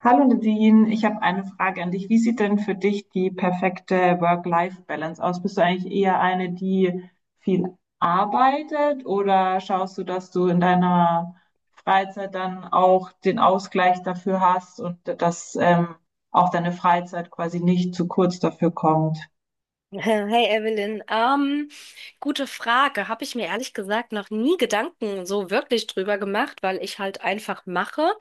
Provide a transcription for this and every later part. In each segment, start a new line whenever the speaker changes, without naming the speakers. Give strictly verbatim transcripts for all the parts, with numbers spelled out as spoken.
Hallo Nadine, ich habe eine Frage an dich. Wie sieht denn für dich die perfekte Work-Life-Balance aus? Bist du eigentlich eher eine, die viel arbeitet, oder schaust du, dass du in deiner Freizeit dann auch den Ausgleich dafür hast und dass ähm, auch deine Freizeit quasi nicht zu kurz dafür kommt?
Hey Evelyn, ähm, gute Frage. Habe ich mir ehrlich gesagt noch nie Gedanken so wirklich drüber gemacht, weil ich halt einfach mache.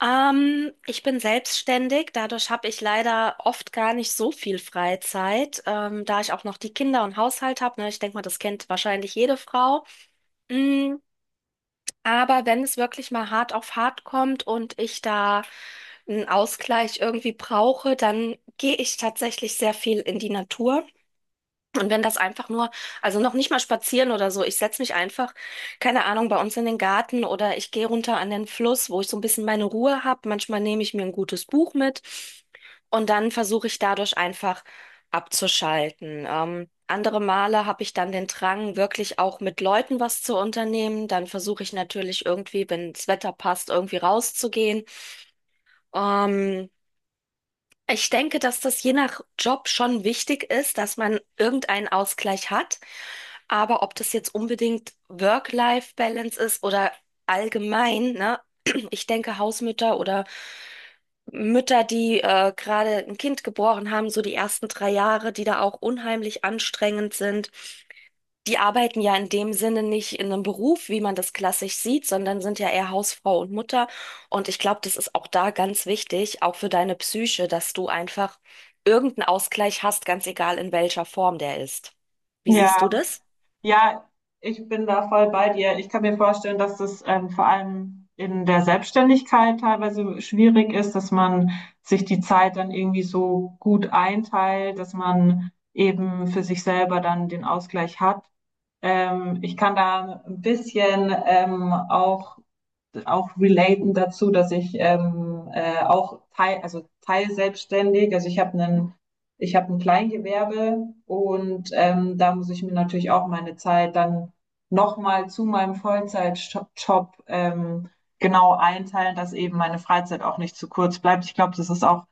Ähm, ich bin selbstständig, dadurch habe ich leider oft gar nicht so viel Freizeit, ähm, da ich auch noch die Kinder und Haushalt habe. Ne? Ich denke mal, das kennt wahrscheinlich jede Frau. Mm, aber wenn es wirklich mal hart auf hart kommt und ich da einen Ausgleich irgendwie brauche, dann gehe ich tatsächlich sehr viel in die Natur. Und wenn das einfach nur, also noch nicht mal spazieren oder so, ich setze mich einfach, keine Ahnung, bei uns in den Garten oder ich gehe runter an den Fluss, wo ich so ein bisschen meine Ruhe habe. Manchmal nehme ich mir ein gutes Buch mit und dann versuche ich dadurch einfach abzuschalten. Ähm, andere Male habe ich dann den Drang, wirklich auch mit Leuten was zu unternehmen. Dann versuche ich natürlich irgendwie, wenn das Wetter passt, irgendwie rauszugehen. Ähm, Ich denke, dass das je nach Job schon wichtig ist, dass man irgendeinen Ausgleich hat. Aber ob das jetzt unbedingt Work-Life-Balance ist oder allgemein, ne? Ich denke, Hausmütter oder Mütter, die äh, gerade ein Kind geboren haben, so die ersten drei Jahre, die da auch unheimlich anstrengend sind. Die arbeiten ja in dem Sinne nicht in einem Beruf, wie man das klassisch sieht, sondern sind ja eher Hausfrau und Mutter. Und ich glaube, das ist auch da ganz wichtig, auch für deine Psyche, dass du einfach irgendeinen Ausgleich hast, ganz egal in welcher Form der ist. Wie siehst du
Ja.
das?
Ja, ich bin da voll bei dir. Ich kann mir vorstellen, dass das ähm, vor allem in der Selbstständigkeit teilweise schwierig ist, dass man sich die Zeit dann irgendwie so gut einteilt, dass man eben für sich selber dann den Ausgleich hat. Ähm, ich kann da ein bisschen ähm, auch auch relaten dazu, dass ich ähm, äh, auch teil, also teilselbstständig, also ich habe einen ich habe ein Kleingewerbe, und ähm, da muss ich mir natürlich auch meine Zeit dann nochmal zu meinem Vollzeitjob ähm, genau einteilen, dass eben meine Freizeit auch nicht zu kurz bleibt. Ich glaube, das ist auch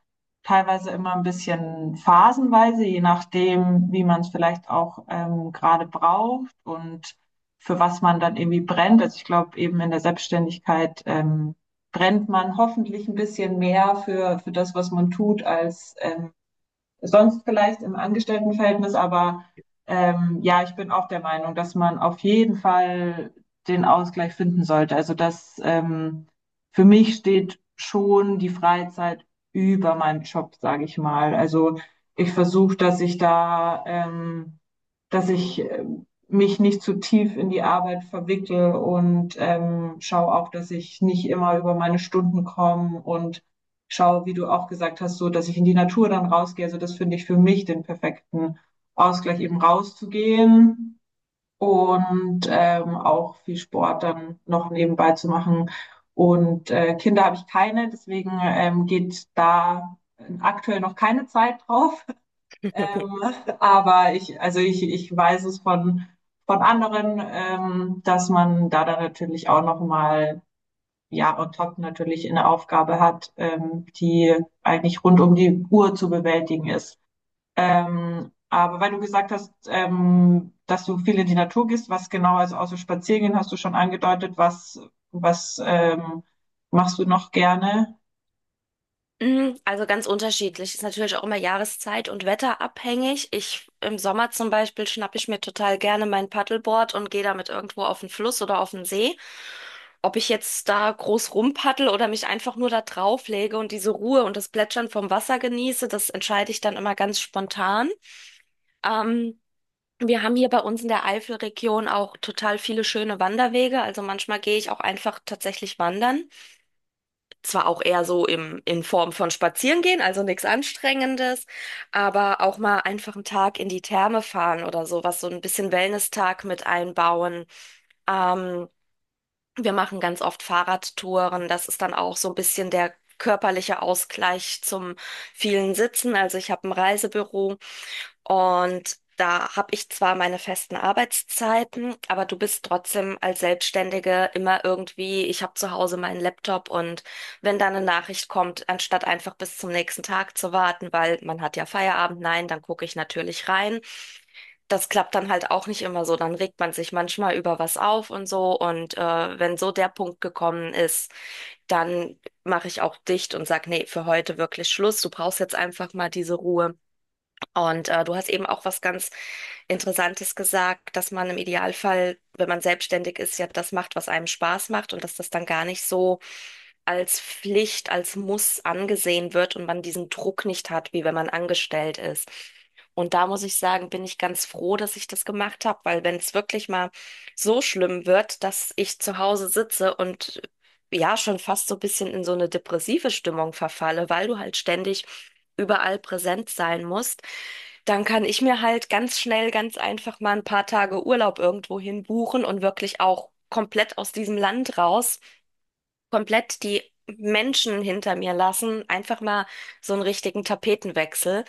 teilweise immer ein bisschen phasenweise, je nachdem, wie man es vielleicht auch ähm, gerade braucht und für was man dann irgendwie brennt. Also ich glaube, eben in der Selbstständigkeit ähm, brennt man hoffentlich ein bisschen mehr für, für das, was man tut, als ähm, sonst vielleicht im Angestelltenverhältnis. Aber ähm, ja, ich bin auch der Meinung, dass man auf jeden Fall den Ausgleich finden sollte. Also das, ähm, für mich steht schon die Freizeit über meinem Job, sage ich mal. Also ich versuche, dass ich da ähm, dass ich äh, mich nicht zu tief in die Arbeit verwickle, und ähm, schaue auch, dass ich nicht immer über meine Stunden komme, und schaue, wie du auch gesagt hast, so, dass ich in die Natur dann rausgehe. Also das finde ich für mich den perfekten Ausgleich, eben rauszugehen und ähm, auch viel Sport dann noch nebenbei zu machen. Und äh, Kinder habe ich keine, deswegen ähm, geht da aktuell noch keine Zeit drauf. Ähm, aber ich, also ich, ich weiß es von, von anderen, ähm, dass man da dann natürlich auch nochmal, ja, on top natürlich eine Aufgabe hat, ähm, die eigentlich rund um die Uhr zu bewältigen ist. Ähm, aber weil du gesagt hast, ähm, dass du viel in die Natur gehst, was genau, also außer Spaziergehen hast du schon angedeutet, was, was ähm, machst du noch gerne?
Mm, also ganz unterschiedlich. Ist natürlich auch immer Jahreszeit und Wetter abhängig. Ich im Sommer zum Beispiel schnappe ich mir total gerne mein Paddleboard und gehe damit irgendwo auf den Fluss oder auf den See. Ob ich jetzt da groß rumpaddel oder mich einfach nur da drauf lege und diese Ruhe und das Plätschern vom Wasser genieße, das entscheide ich dann immer ganz spontan. Ähm, Wir haben hier bei uns in der Eifelregion auch total viele schöne Wanderwege. Also manchmal gehe ich auch einfach tatsächlich wandern. Zwar auch eher so im, in Form von Spazierengehen, also nichts Anstrengendes, aber auch mal einfach einen Tag in die Therme fahren oder sowas, so ein bisschen Wellness-Tag mit einbauen. Ähm, Wir machen ganz oft Fahrradtouren. Das ist dann auch so ein bisschen der körperliche Ausgleich zum vielen Sitzen. Also ich habe ein Reisebüro und da habe ich zwar meine festen Arbeitszeiten, aber du bist trotzdem als Selbstständige immer irgendwie, ich habe zu Hause meinen Laptop und wenn dann eine Nachricht kommt, anstatt einfach bis zum nächsten Tag zu warten, weil man hat ja Feierabend, nein, dann gucke ich natürlich rein. Das klappt dann halt auch nicht immer so. Dann regt man sich manchmal über was auf und so. Und äh, wenn so der Punkt gekommen ist, dann mache ich auch dicht und sag, nee, für heute wirklich Schluss. Du brauchst jetzt einfach mal diese Ruhe. Und äh, du hast eben auch was ganz Interessantes gesagt, dass man im Idealfall, wenn man selbstständig ist, ja das macht, was einem Spaß macht und dass das dann gar nicht so als Pflicht, als Muss angesehen wird und man diesen Druck nicht hat, wie wenn man angestellt ist. Und da muss ich sagen, bin ich ganz froh, dass ich das gemacht habe, weil wenn es wirklich mal so schlimm wird, dass ich zu Hause sitze und ja schon fast so ein bisschen in so eine depressive Stimmung verfalle, weil du halt ständig überall präsent sein musst, dann kann ich mir halt ganz schnell, ganz einfach mal ein paar Tage Urlaub irgendwohin buchen und wirklich auch komplett aus diesem Land raus, komplett die Menschen hinter mir lassen, einfach mal so einen richtigen Tapetenwechsel.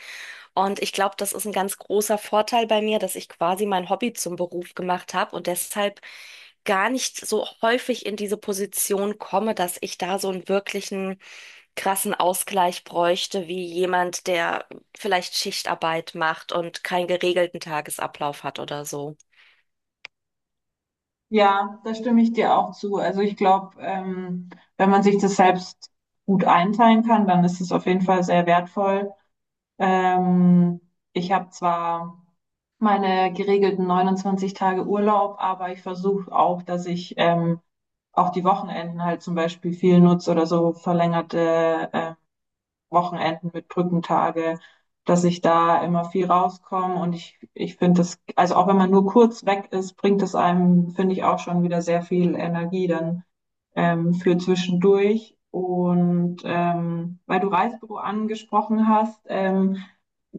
Und ich glaube, das ist ein ganz großer Vorteil bei mir, dass ich quasi mein Hobby zum Beruf gemacht habe und deshalb gar nicht so häufig in diese Position komme, dass ich da so einen wirklichen krassen Ausgleich bräuchte, wie jemand, der vielleicht Schichtarbeit macht und keinen geregelten Tagesablauf hat oder so.
Ja, da stimme ich dir auch zu. Also ich glaube, ähm, wenn man sich das selbst gut einteilen kann, dann ist es auf jeden Fall sehr wertvoll. Ähm, Ich habe zwar meine geregelten neunundzwanzig Tage Urlaub, aber ich versuche auch, dass ich ähm, auch die Wochenenden halt zum Beispiel viel nutze, oder so verlängerte äh, Wochenenden mit Brückentage, dass ich da immer viel rauskomme. Und ich, ich finde das, also auch wenn man nur kurz weg ist, bringt es einem, finde ich, auch schon wieder sehr viel Energie dann ähm, für zwischendurch. Und ähm, weil du Reisebüro angesprochen hast, ähm,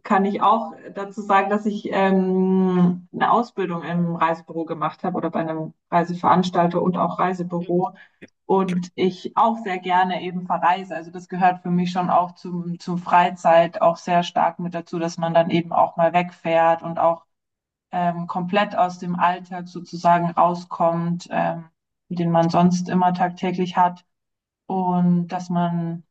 kann ich auch dazu sagen, dass ich ähm, eine Ausbildung im Reisebüro gemacht habe, oder bei einem Reiseveranstalter und auch Reisebüro. Und ich auch sehr gerne eben verreise. Also das gehört für mich schon auch zum, zum Freizeit auch sehr stark mit dazu, dass man dann eben auch mal wegfährt und auch ähm, komplett aus dem Alltag sozusagen rauskommt, ähm, den man sonst immer tagtäglich hat, und dass man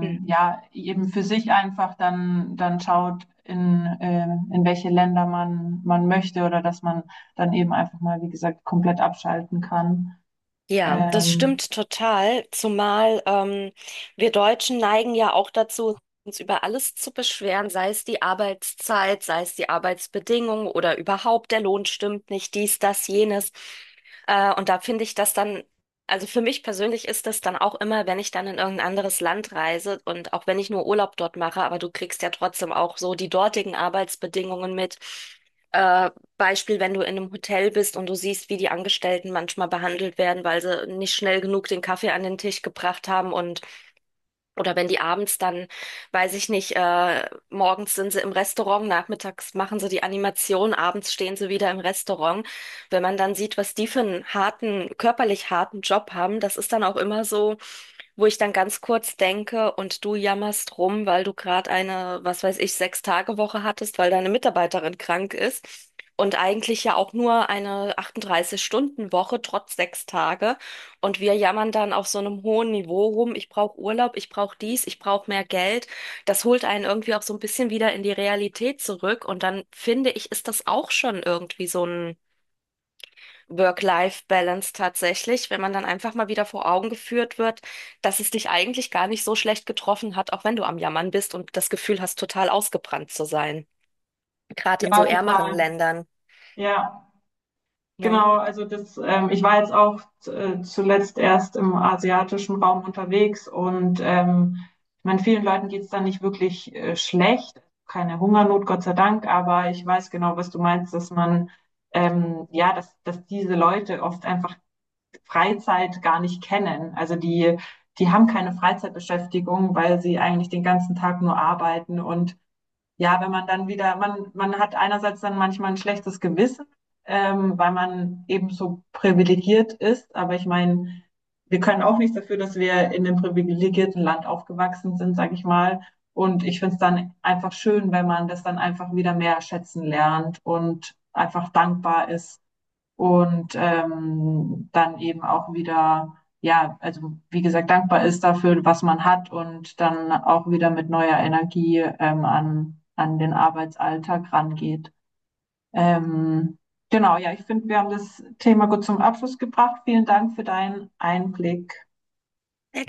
Mhm.
ja eben für sich einfach dann dann schaut, in äh, in welche Länder man man möchte, oder dass man dann eben einfach mal, wie gesagt, komplett abschalten kann.
Ja, das
Ähm,
stimmt total, zumal ähm, wir Deutschen neigen ja auch dazu, uns über alles zu beschweren, sei es die Arbeitszeit, sei es die Arbeitsbedingungen oder überhaupt der Lohn stimmt nicht, dies, das, jenes. Äh, und da finde ich das dann, also für mich persönlich ist das dann auch immer, wenn ich dann in irgendein anderes Land reise und auch wenn ich nur Urlaub dort mache, aber du kriegst ja trotzdem auch so die dortigen Arbeitsbedingungen mit. äh, Beispiel, wenn du in einem Hotel bist und du siehst, wie die Angestellten manchmal behandelt werden, weil sie nicht schnell genug den Kaffee an den Tisch gebracht haben und oder wenn die abends dann, weiß ich nicht, äh, morgens sind sie im Restaurant, nachmittags machen sie die Animation, abends stehen sie wieder im Restaurant. Wenn man dann sieht, was die für einen harten, körperlich harten Job haben, das ist dann auch immer so, wo ich dann ganz kurz denke und du jammerst rum, weil du gerade eine, was weiß ich, Sechs-Tage-Woche hattest, weil deine Mitarbeiterin krank ist. Und eigentlich ja auch nur eine achtunddreißig stunden woche trotz sechs Tage. Und wir jammern dann auf so einem hohen Niveau rum, ich brauche Urlaub, ich brauche dies, ich brauche mehr Geld. Das holt einen irgendwie auch so ein bisschen wieder in die Realität zurück. Und dann finde ich, ist das auch schon irgendwie so ein Work-Life-Balance tatsächlich, wenn man dann einfach mal wieder vor Augen geführt wird, dass es dich eigentlich gar nicht so schlecht getroffen hat, auch wenn du am Jammern bist und das Gefühl hast, total ausgebrannt zu sein. Gerade in
ja,
so ärmeren
total.
Ländern.
Ja.
Ne?
Genau, also das, ähm, ich war jetzt auch äh, zuletzt erst im asiatischen Raum unterwegs, und ähm, ich meine, vielen Leuten geht's da nicht wirklich äh, schlecht, keine Hungernot, Gott sei Dank, aber ich weiß genau, was du meinst, dass man, ähm, ja, dass, dass diese Leute oft einfach Freizeit gar nicht kennen. Also die, die haben keine Freizeitbeschäftigung, weil sie eigentlich den ganzen Tag nur arbeiten. Und ja, wenn man dann wieder, man, man hat einerseits dann manchmal ein schlechtes Gewissen, ähm, weil man eben so privilegiert ist. Aber ich meine, wir können auch nichts dafür, dass wir in einem privilegierten Land aufgewachsen sind, sage ich mal. Und ich finde es dann einfach schön, wenn man das dann einfach wieder mehr schätzen lernt und einfach dankbar ist und ähm, dann eben auch wieder, ja, also wie gesagt, dankbar ist dafür, was man hat, und dann auch wieder mit neuer Energie ähm, an, an den Arbeitsalltag rangeht. Ähm, genau, ja, ich finde, wir haben das Thema gut zum Abschluss gebracht. Vielen Dank für deinen Einblick.
Sehr